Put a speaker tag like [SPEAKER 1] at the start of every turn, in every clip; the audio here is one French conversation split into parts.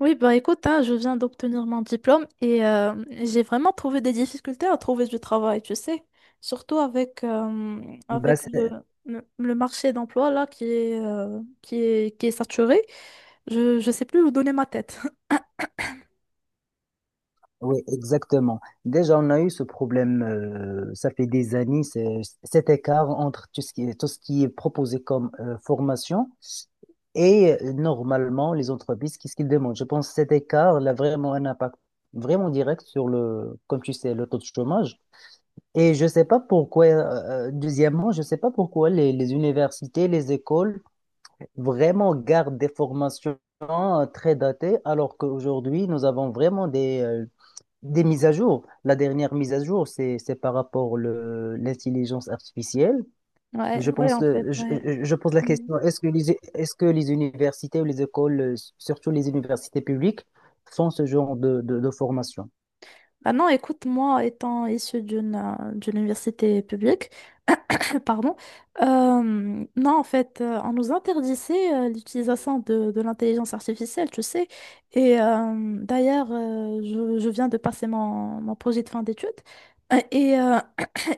[SPEAKER 1] Oui, bah écoute, hein, je viens d'obtenir mon diplôme et j'ai vraiment trouvé des difficultés à trouver du travail, tu sais. Surtout avec,
[SPEAKER 2] Bah,
[SPEAKER 1] avec le, le marché d'emploi là qui est saturé. Je ne sais plus où donner ma tête.
[SPEAKER 2] oui, exactement. Déjà, on a eu ce problème, ça fait des années, cet écart entre tout ce qui est proposé comme formation et normalement les entreprises, qu'est-ce qu'ils demandent? Je pense que cet écart il a vraiment un impact vraiment direct sur le, comme tu sais, le taux de chômage. Et je sais pas pourquoi, deuxièmement, je sais pas pourquoi les universités, les écoles vraiment gardent des formations très datées alors qu'aujourd'hui, nous avons vraiment des mises à jour. La dernière mise à jour, c'est par rapport le l'intelligence artificielle.
[SPEAKER 1] Ouais,
[SPEAKER 2] Je
[SPEAKER 1] ouais,
[SPEAKER 2] pense,
[SPEAKER 1] en fait, ouais.
[SPEAKER 2] je pose la
[SPEAKER 1] Mm.
[SPEAKER 2] question, est-ce que les universités ou les écoles, surtout les universités publiques, font ce genre de formation?
[SPEAKER 1] Bah non, écoute, moi, étant issue d'une université publique, école, pardon, non, en fait, on nous interdisait l'utilisation de l'intelligence artificielle, tu sais. Et d'ailleurs, je viens de passer mon projet de fin d'études. Euh, Et euh,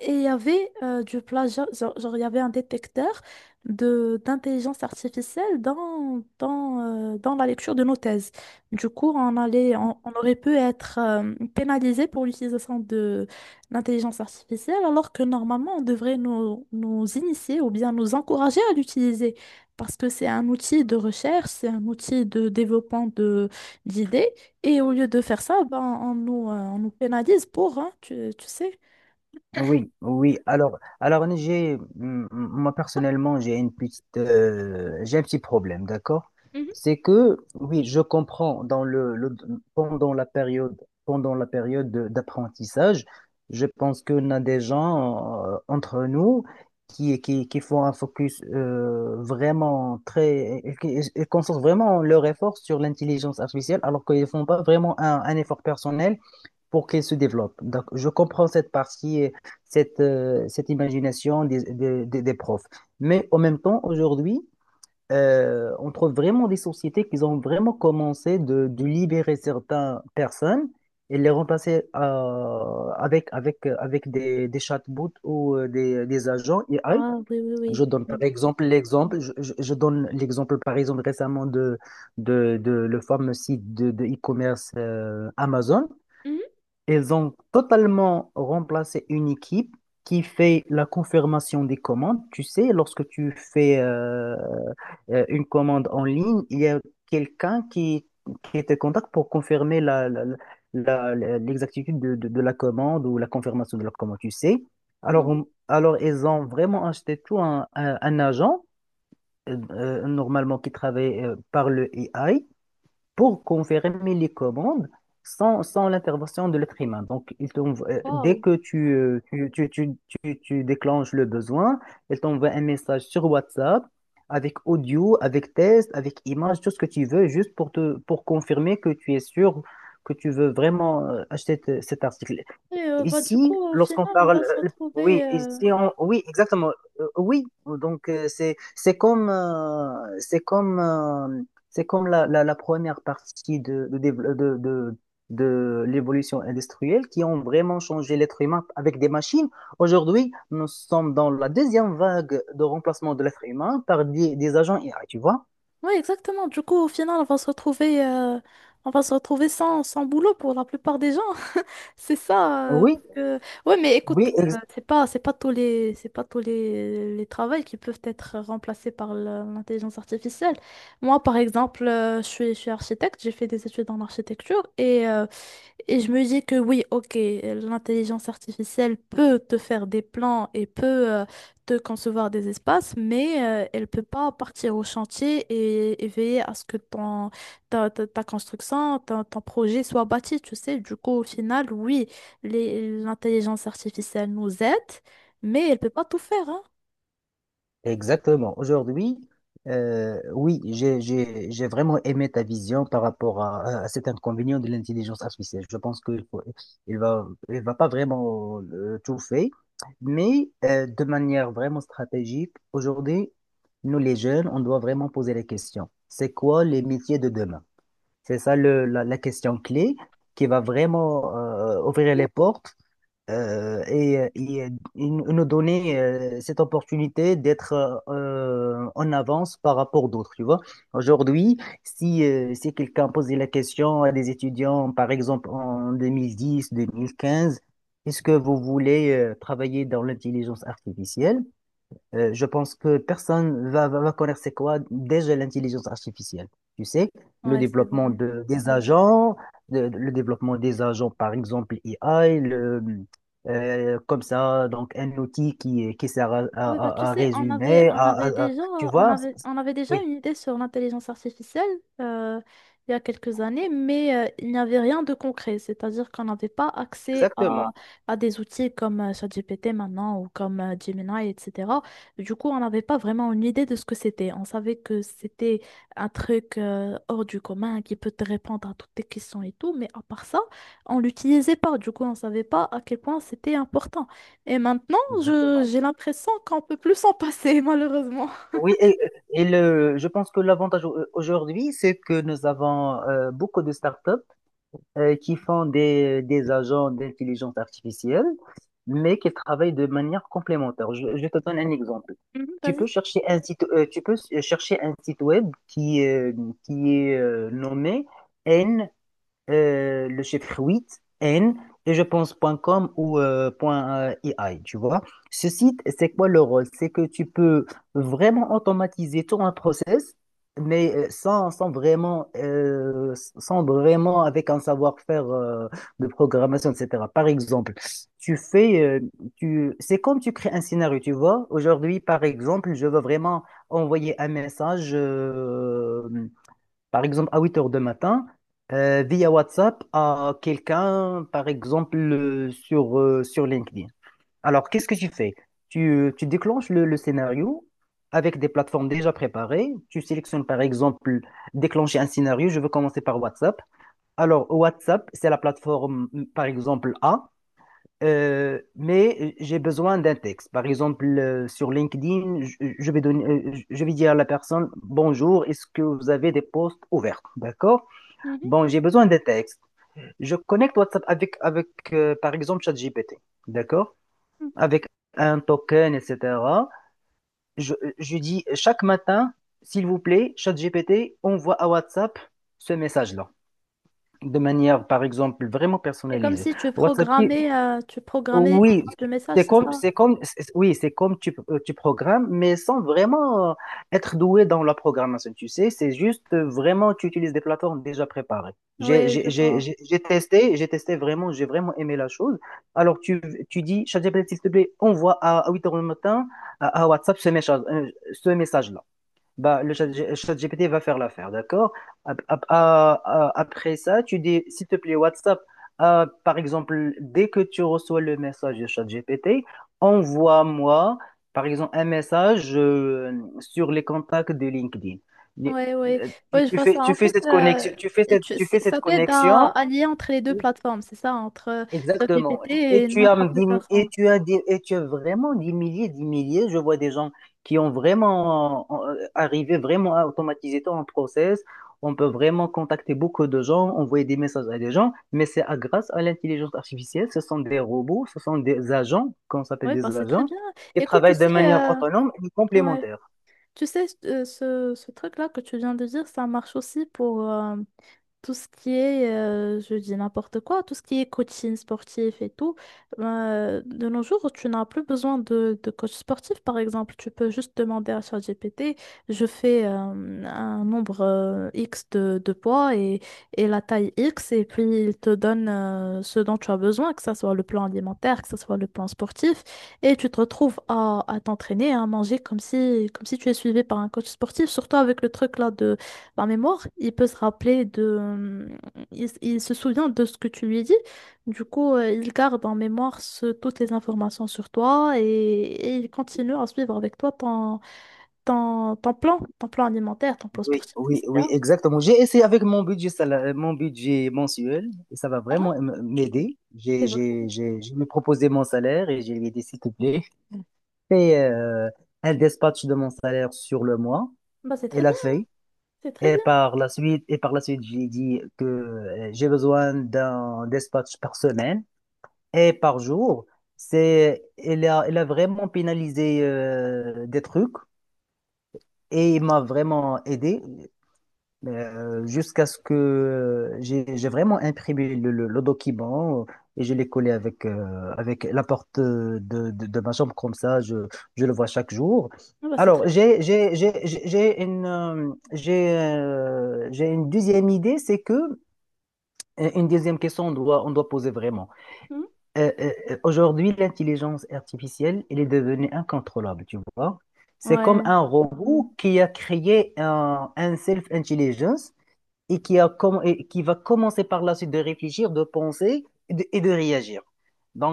[SPEAKER 1] et il y avait du plagiat, genre, il y avait un détecteur de d'intelligence artificielle dans la lecture de nos thèses. Du coup, on aurait pu être pénalisé pour l'utilisation de l'intelligence artificielle, alors que normalement, on devrait nous initier ou bien nous encourager à l'utiliser, parce que c'est un outil de recherche, c'est un outil de développement de d'idées, et au lieu de faire ça, ben, on nous pénalise pour, hein, tu sais.
[SPEAKER 2] Oui, oui. Alors, moi personnellement, j'ai un petit problème, d'accord? C'est que, oui, je comprends dans pendant la période, d'apprentissage, je pense qu'on a des gens entre nous qui font un focus ils concentrent vraiment leur effort sur l'intelligence artificielle, alors qu'ils ne font pas vraiment un effort personnel pour qu'elle se développe. Donc, je comprends cette partie, cette imagination des profs. Mais en même temps, aujourd'hui, on trouve vraiment des sociétés qui ont vraiment commencé de libérer certaines personnes et les remplacer avec des chatbots ou des agents AI.
[SPEAKER 1] Ah, oui, oui,
[SPEAKER 2] Je
[SPEAKER 1] oui,
[SPEAKER 2] donne par
[SPEAKER 1] oui.
[SPEAKER 2] exemple l'exemple, je donne l'exemple par exemple récemment de le fameux site de e-commerce Amazon.
[SPEAKER 1] Mhm.
[SPEAKER 2] Ils ont totalement remplacé une équipe qui fait la confirmation des commandes. Tu sais, lorsque tu fais une commande en ligne, il y a quelqu'un qui te contacte pour confirmer l'exactitude de la commande ou la confirmation de la commande, tu sais. Alors,
[SPEAKER 1] Mhm.
[SPEAKER 2] alors ils ont vraiment acheté tout un agent, normalement qui travaille par le AI pour confirmer les commandes sans l'intervention de l'être humain. Donc, dès
[SPEAKER 1] Wow.
[SPEAKER 2] que tu déclenches le besoin, il t'envoie un message sur WhatsApp avec audio, avec test, avec image, tout ce que tu veux, juste pour confirmer que tu es sûr que tu veux vraiment cet article.
[SPEAKER 1] Du
[SPEAKER 2] Ici,
[SPEAKER 1] coup, au final, on va se
[SPEAKER 2] oui,
[SPEAKER 1] retrouver.
[SPEAKER 2] oui, exactement. Oui. Donc c'est comme c'est comme la première partie de l'évolution industrielle qui ont vraiment changé l'être humain avec des machines. Aujourd'hui, nous sommes dans la deuxième vague de remplacement de l'être humain par des agents IA, tu vois?
[SPEAKER 1] Oui, exactement. Du coup, au final, on va se retrouver sans boulot pour la plupart des gens. C'est ça.
[SPEAKER 2] Oui,
[SPEAKER 1] Que... Ouais, mais écoute,
[SPEAKER 2] oui,
[SPEAKER 1] c'est pas tous les travails qui peuvent être remplacés par l'intelligence artificielle. Moi, par exemple, je suis architecte. J'ai fait des études en architecture et je me dis que oui, ok, l'intelligence artificielle peut te faire des plans et peut te concevoir des espaces, mais elle peut pas partir au chantier et veiller à ce que ta construction, ton projet soit bâti, tu sais. Du coup, au final, oui, l'intelligence artificielle nous aide, mais elle peut pas tout faire, hein.
[SPEAKER 2] exactement. Aujourd'hui, oui, j'ai vraiment aimé ta vision par rapport à cet inconvénient de l'intelligence artificielle. Je pense qu'il va pas vraiment tout faire, mais de manière vraiment stratégique, aujourd'hui, nous les jeunes, on doit vraiment poser la question. C'est quoi les métiers de demain? C'est ça la question clé qui va vraiment ouvrir les portes et nous nous donner cette opportunité d'être en avance par rapport d'autres, tu vois. Aujourd'hui, si quelqu'un posait la question à des étudiants, par exemple en 2010, 2015, est-ce que vous voulez travailler dans l'intelligence artificielle? Je pense que personne va connaître c'est quoi déjà l'intelligence artificielle. Tu sais, le
[SPEAKER 1] Ouais, c'est
[SPEAKER 2] développement
[SPEAKER 1] vrai.
[SPEAKER 2] des agents, le développement des agents, par exemple, AI, comme ça, donc un outil qui sert
[SPEAKER 1] Oui, bah, tu
[SPEAKER 2] à
[SPEAKER 1] sais,
[SPEAKER 2] résumer, tu vois?
[SPEAKER 1] on avait déjà
[SPEAKER 2] Oui,
[SPEAKER 1] une idée sur l'intelligence artificielle euh, il y a quelques années, mais il n'y avait rien de concret. C'est-à-dire qu'on n'avait pas accès
[SPEAKER 2] exactement,
[SPEAKER 1] à des outils comme ChatGPT maintenant ou comme Gemini, etc. Du coup, on n'avait pas vraiment une idée de ce que c'était. On savait que c'était un truc hors du commun qui peut te répondre à toutes tes questions et tout, mais à part ça, on l'utilisait pas. Du coup, on savait pas à quel point c'était important. Et maintenant,
[SPEAKER 2] exactement.
[SPEAKER 1] j'ai l'impression qu'on peut plus s'en passer, malheureusement.
[SPEAKER 2] Oui, je pense que l'avantage aujourd'hui, c'est que nous avons beaucoup de startups qui font des agents d'intelligence artificielle, mais qui travaillent de manière complémentaire. Je te donne un exemple.
[SPEAKER 1] Mhm,
[SPEAKER 2] Tu peux
[SPEAKER 1] vas-y.
[SPEAKER 2] chercher un site, euh, tu peux chercher un site web qui est nommé le chiffre 8 N, et je pense .com ou point, .ai, tu vois. Ce site, c'est quoi le rôle? C'est que tu peux vraiment automatiser tout un process, mais sans vraiment avec un savoir-faire de programmation, etc. Par exemple, tu fais, euh, c'est comme tu crées un scénario, tu vois. Aujourd'hui, par exemple, je veux vraiment envoyer un message. Par exemple, à 8 heures du matin, via WhatsApp à quelqu'un, par exemple, sur LinkedIn. Alors, qu'est-ce que tu fais? Tu, tu déclenches le scénario avec des plateformes déjà préparées. Tu sélectionnes, par exemple, déclencher un scénario. Je veux commencer par WhatsApp. Alors, WhatsApp, c'est la plateforme, par exemple, A. Mais j'ai besoin d'un texte. Par exemple, sur LinkedIn, je vais je vais dire à la personne, bonjour, est-ce que vous avez des postes ouverts? D'accord?
[SPEAKER 1] Mhm,
[SPEAKER 2] Bon, j'ai besoin d'un texte. Je connecte WhatsApp avec par exemple, ChatGPT. D'accord?
[SPEAKER 1] mhm.
[SPEAKER 2] Avec un token, etc. Je dis chaque matin, s'il vous plaît, ChatGPT envoie à WhatsApp ce message-là. De manière, par exemple, vraiment
[SPEAKER 1] C'est comme
[SPEAKER 2] personnalisée.
[SPEAKER 1] si tu
[SPEAKER 2] WhatsApp qui,
[SPEAKER 1] programmais, tu programmais
[SPEAKER 2] Oui,
[SPEAKER 1] l'envoi de messages, c'est ça?
[SPEAKER 2] oui, c'est comme tu programmes, mais sans vraiment être doué dans la programmation, tu sais, c'est juste vraiment, tu utilises des plateformes déjà préparées. J'ai,
[SPEAKER 1] Oui, je
[SPEAKER 2] j'ai, j'ai,
[SPEAKER 1] vois.
[SPEAKER 2] j'ai j'ai testé, j'ai testé vraiment, j'ai vraiment aimé la chose. Alors, tu dis, ChatGPT, s'il te plaît, envoie à 8 heures le matin à WhatsApp ce message-là. Bah, le chat GPT va faire l'affaire, d'accord? Après ça, tu dis, s'il te plaît, WhatsApp, par exemple, dès que tu reçois le message de chat GPT, envoie-moi, par exemple, un message sur les contacts de LinkedIn. Les-
[SPEAKER 1] Oui, oui. Oui, je vois ça.
[SPEAKER 2] tu
[SPEAKER 1] En
[SPEAKER 2] fais
[SPEAKER 1] fait,
[SPEAKER 2] cette connexion, tu fais cette
[SPEAKER 1] ça t'aide
[SPEAKER 2] connexion.
[SPEAKER 1] à lier entre les deux plateformes, c'est ça, entre
[SPEAKER 2] Exactement. Et
[SPEAKER 1] GPT et
[SPEAKER 2] tu as,
[SPEAKER 1] notre
[SPEAKER 2] me dit-
[SPEAKER 1] application.
[SPEAKER 2] et tu as vraiment des milliers, des milliers. Je vois des gens qui ont vraiment arrivé vraiment à automatiser ton process. On peut vraiment contacter beaucoup de gens, envoyer des messages à des gens, mais grâce à l'intelligence artificielle. Ce sont des robots, ce sont des agents, qu'on s'appelle
[SPEAKER 1] Oui,
[SPEAKER 2] des
[SPEAKER 1] bah, c'est très
[SPEAKER 2] agents,
[SPEAKER 1] bien.
[SPEAKER 2] qui
[SPEAKER 1] Écoute, tu
[SPEAKER 2] travaillent de
[SPEAKER 1] sais,
[SPEAKER 2] manière autonome et
[SPEAKER 1] ouais,
[SPEAKER 2] complémentaire.
[SPEAKER 1] tu sais, ce truc-là que tu viens de dire, ça marche aussi pour, tout ce qui est, je dis n'importe quoi, tout ce qui est coaching sportif et tout, ben, de nos jours, tu n'as plus besoin de coach sportif, par exemple. Tu peux juste demander à ChatGPT, je fais un nombre X de poids et la taille X, et puis il te donne ce dont tu as besoin, que ce soit le plan alimentaire, que ce soit le plan sportif, et tu te retrouves à t'entraîner, à manger comme si tu es suivi par un coach sportif, surtout avec le truc là de par mémoire, il peut se rappeler de... Il, s- il se souvient de ce que tu lui dis. Du coup, il garde en mémoire toutes les informations sur toi et il continue à suivre avec toi ton plan alimentaire, ton plan
[SPEAKER 2] Oui,
[SPEAKER 1] sportif,
[SPEAKER 2] oui, oui,
[SPEAKER 1] etc.
[SPEAKER 2] exactement. J'ai essayé avec mon budget, mon budget mensuel et ça va
[SPEAKER 1] Ah,
[SPEAKER 2] vraiment m'aider.
[SPEAKER 1] c'est vrai.
[SPEAKER 2] Je me ai proposé mon salaire et je lui ai dit, s'il te plaît, fais un dispatch de mon salaire sur le mois.
[SPEAKER 1] Bah, c'est très
[SPEAKER 2] Elle a
[SPEAKER 1] bien,
[SPEAKER 2] fait.
[SPEAKER 1] c'est très
[SPEAKER 2] Et
[SPEAKER 1] bien.
[SPEAKER 2] par la suite, j'ai dit que j'ai besoin d'un dispatch par semaine et par jour. Elle a vraiment pénalisé des trucs et il m'a vraiment aidé. Mais, jusqu'à ce que j'ai vraiment imprimé le document et je l'ai collé avec la porte de ma chambre, comme ça, je le vois chaque jour.
[SPEAKER 1] Ah, bah, c'est
[SPEAKER 2] Alors,
[SPEAKER 1] très
[SPEAKER 2] j'ai une deuxième idée, c'est que, une deuxième question, on doit poser vraiment.
[SPEAKER 1] bien.
[SPEAKER 2] Aujourd'hui, l'intelligence artificielle, elle est devenue incontrôlable, tu vois.
[SPEAKER 1] Mhm.
[SPEAKER 2] C'est comme
[SPEAKER 1] Ouais.
[SPEAKER 2] un
[SPEAKER 1] Ouais,
[SPEAKER 2] robot qui a créé un self-intelligence et qui et qui va commencer par la suite de réfléchir, de penser et de réagir.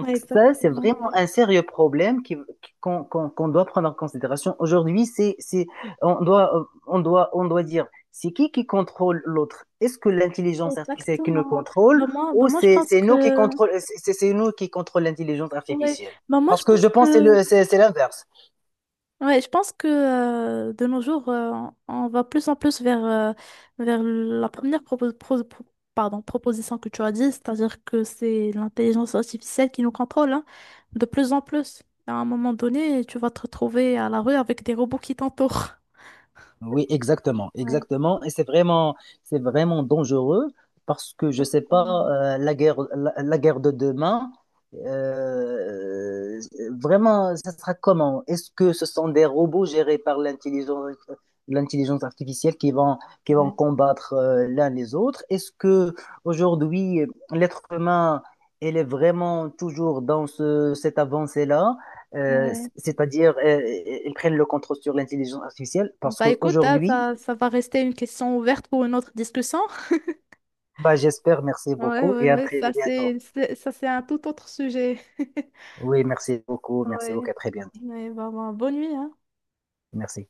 [SPEAKER 1] ouais,
[SPEAKER 2] ça, c'est
[SPEAKER 1] exactement.
[SPEAKER 2] vraiment un sérieux problème qu'on doit prendre en considération. Aujourd'hui, on doit dire, c'est qui contrôle l'autre? Est-ce que l'intelligence artificielle qui nous
[SPEAKER 1] Exactement.
[SPEAKER 2] contrôle
[SPEAKER 1] Bah,
[SPEAKER 2] ou
[SPEAKER 1] moi, je pense
[SPEAKER 2] c'est nous qui
[SPEAKER 1] que...
[SPEAKER 2] contrôle, c'est nous qui contrôle l'intelligence
[SPEAKER 1] Ouais.
[SPEAKER 2] artificielle?
[SPEAKER 1] Bah, moi, je
[SPEAKER 2] Parce que
[SPEAKER 1] pense
[SPEAKER 2] je
[SPEAKER 1] que...
[SPEAKER 2] pense que c'est le- c'est l'inverse.
[SPEAKER 1] Ouais, je pense que de nos jours, on va plus en plus vers, vers la première propos- pro- pro- pardon, proposition que tu as dit, c'est-à-dire que c'est l'intelligence artificielle qui nous contrôle, hein, de plus en plus. À un moment donné, tu vas te retrouver à la rue avec des robots qui t'entourent.
[SPEAKER 2] Oui, exactement,
[SPEAKER 1] Ouais,
[SPEAKER 2] exactement. Et c'est vraiment dangereux parce que je sais
[SPEAKER 1] exactement.
[SPEAKER 2] pas, la guerre, la guerre de demain, euh, vraiment, ça sera comment? Est-ce que ce sont des robots gérés par l'intelligence artificielle qui vont, combattre l'un les autres? Est-ce que aujourd'hui, l'être humain, elle est vraiment toujours dans cette avancée-là? euh,
[SPEAKER 1] Ouais.
[SPEAKER 2] c'est-à-dire ils prennent le contrôle sur l'intelligence artificielle parce
[SPEAKER 1] Bah écoute, hein,
[SPEAKER 2] qu'aujourd'hui,
[SPEAKER 1] ça va rester une question ouverte pour une autre discussion.
[SPEAKER 2] bah, j'espère, merci
[SPEAKER 1] Ouais,
[SPEAKER 2] beaucoup
[SPEAKER 1] ouais,
[SPEAKER 2] et à
[SPEAKER 1] ouais,
[SPEAKER 2] très bientôt.
[SPEAKER 1] ça c'est un tout autre sujet.
[SPEAKER 2] Oui, merci
[SPEAKER 1] Ouais.
[SPEAKER 2] beaucoup, à très bientôt.
[SPEAKER 1] Ouais, bah, bah, bonne nuit, hein.
[SPEAKER 2] Merci.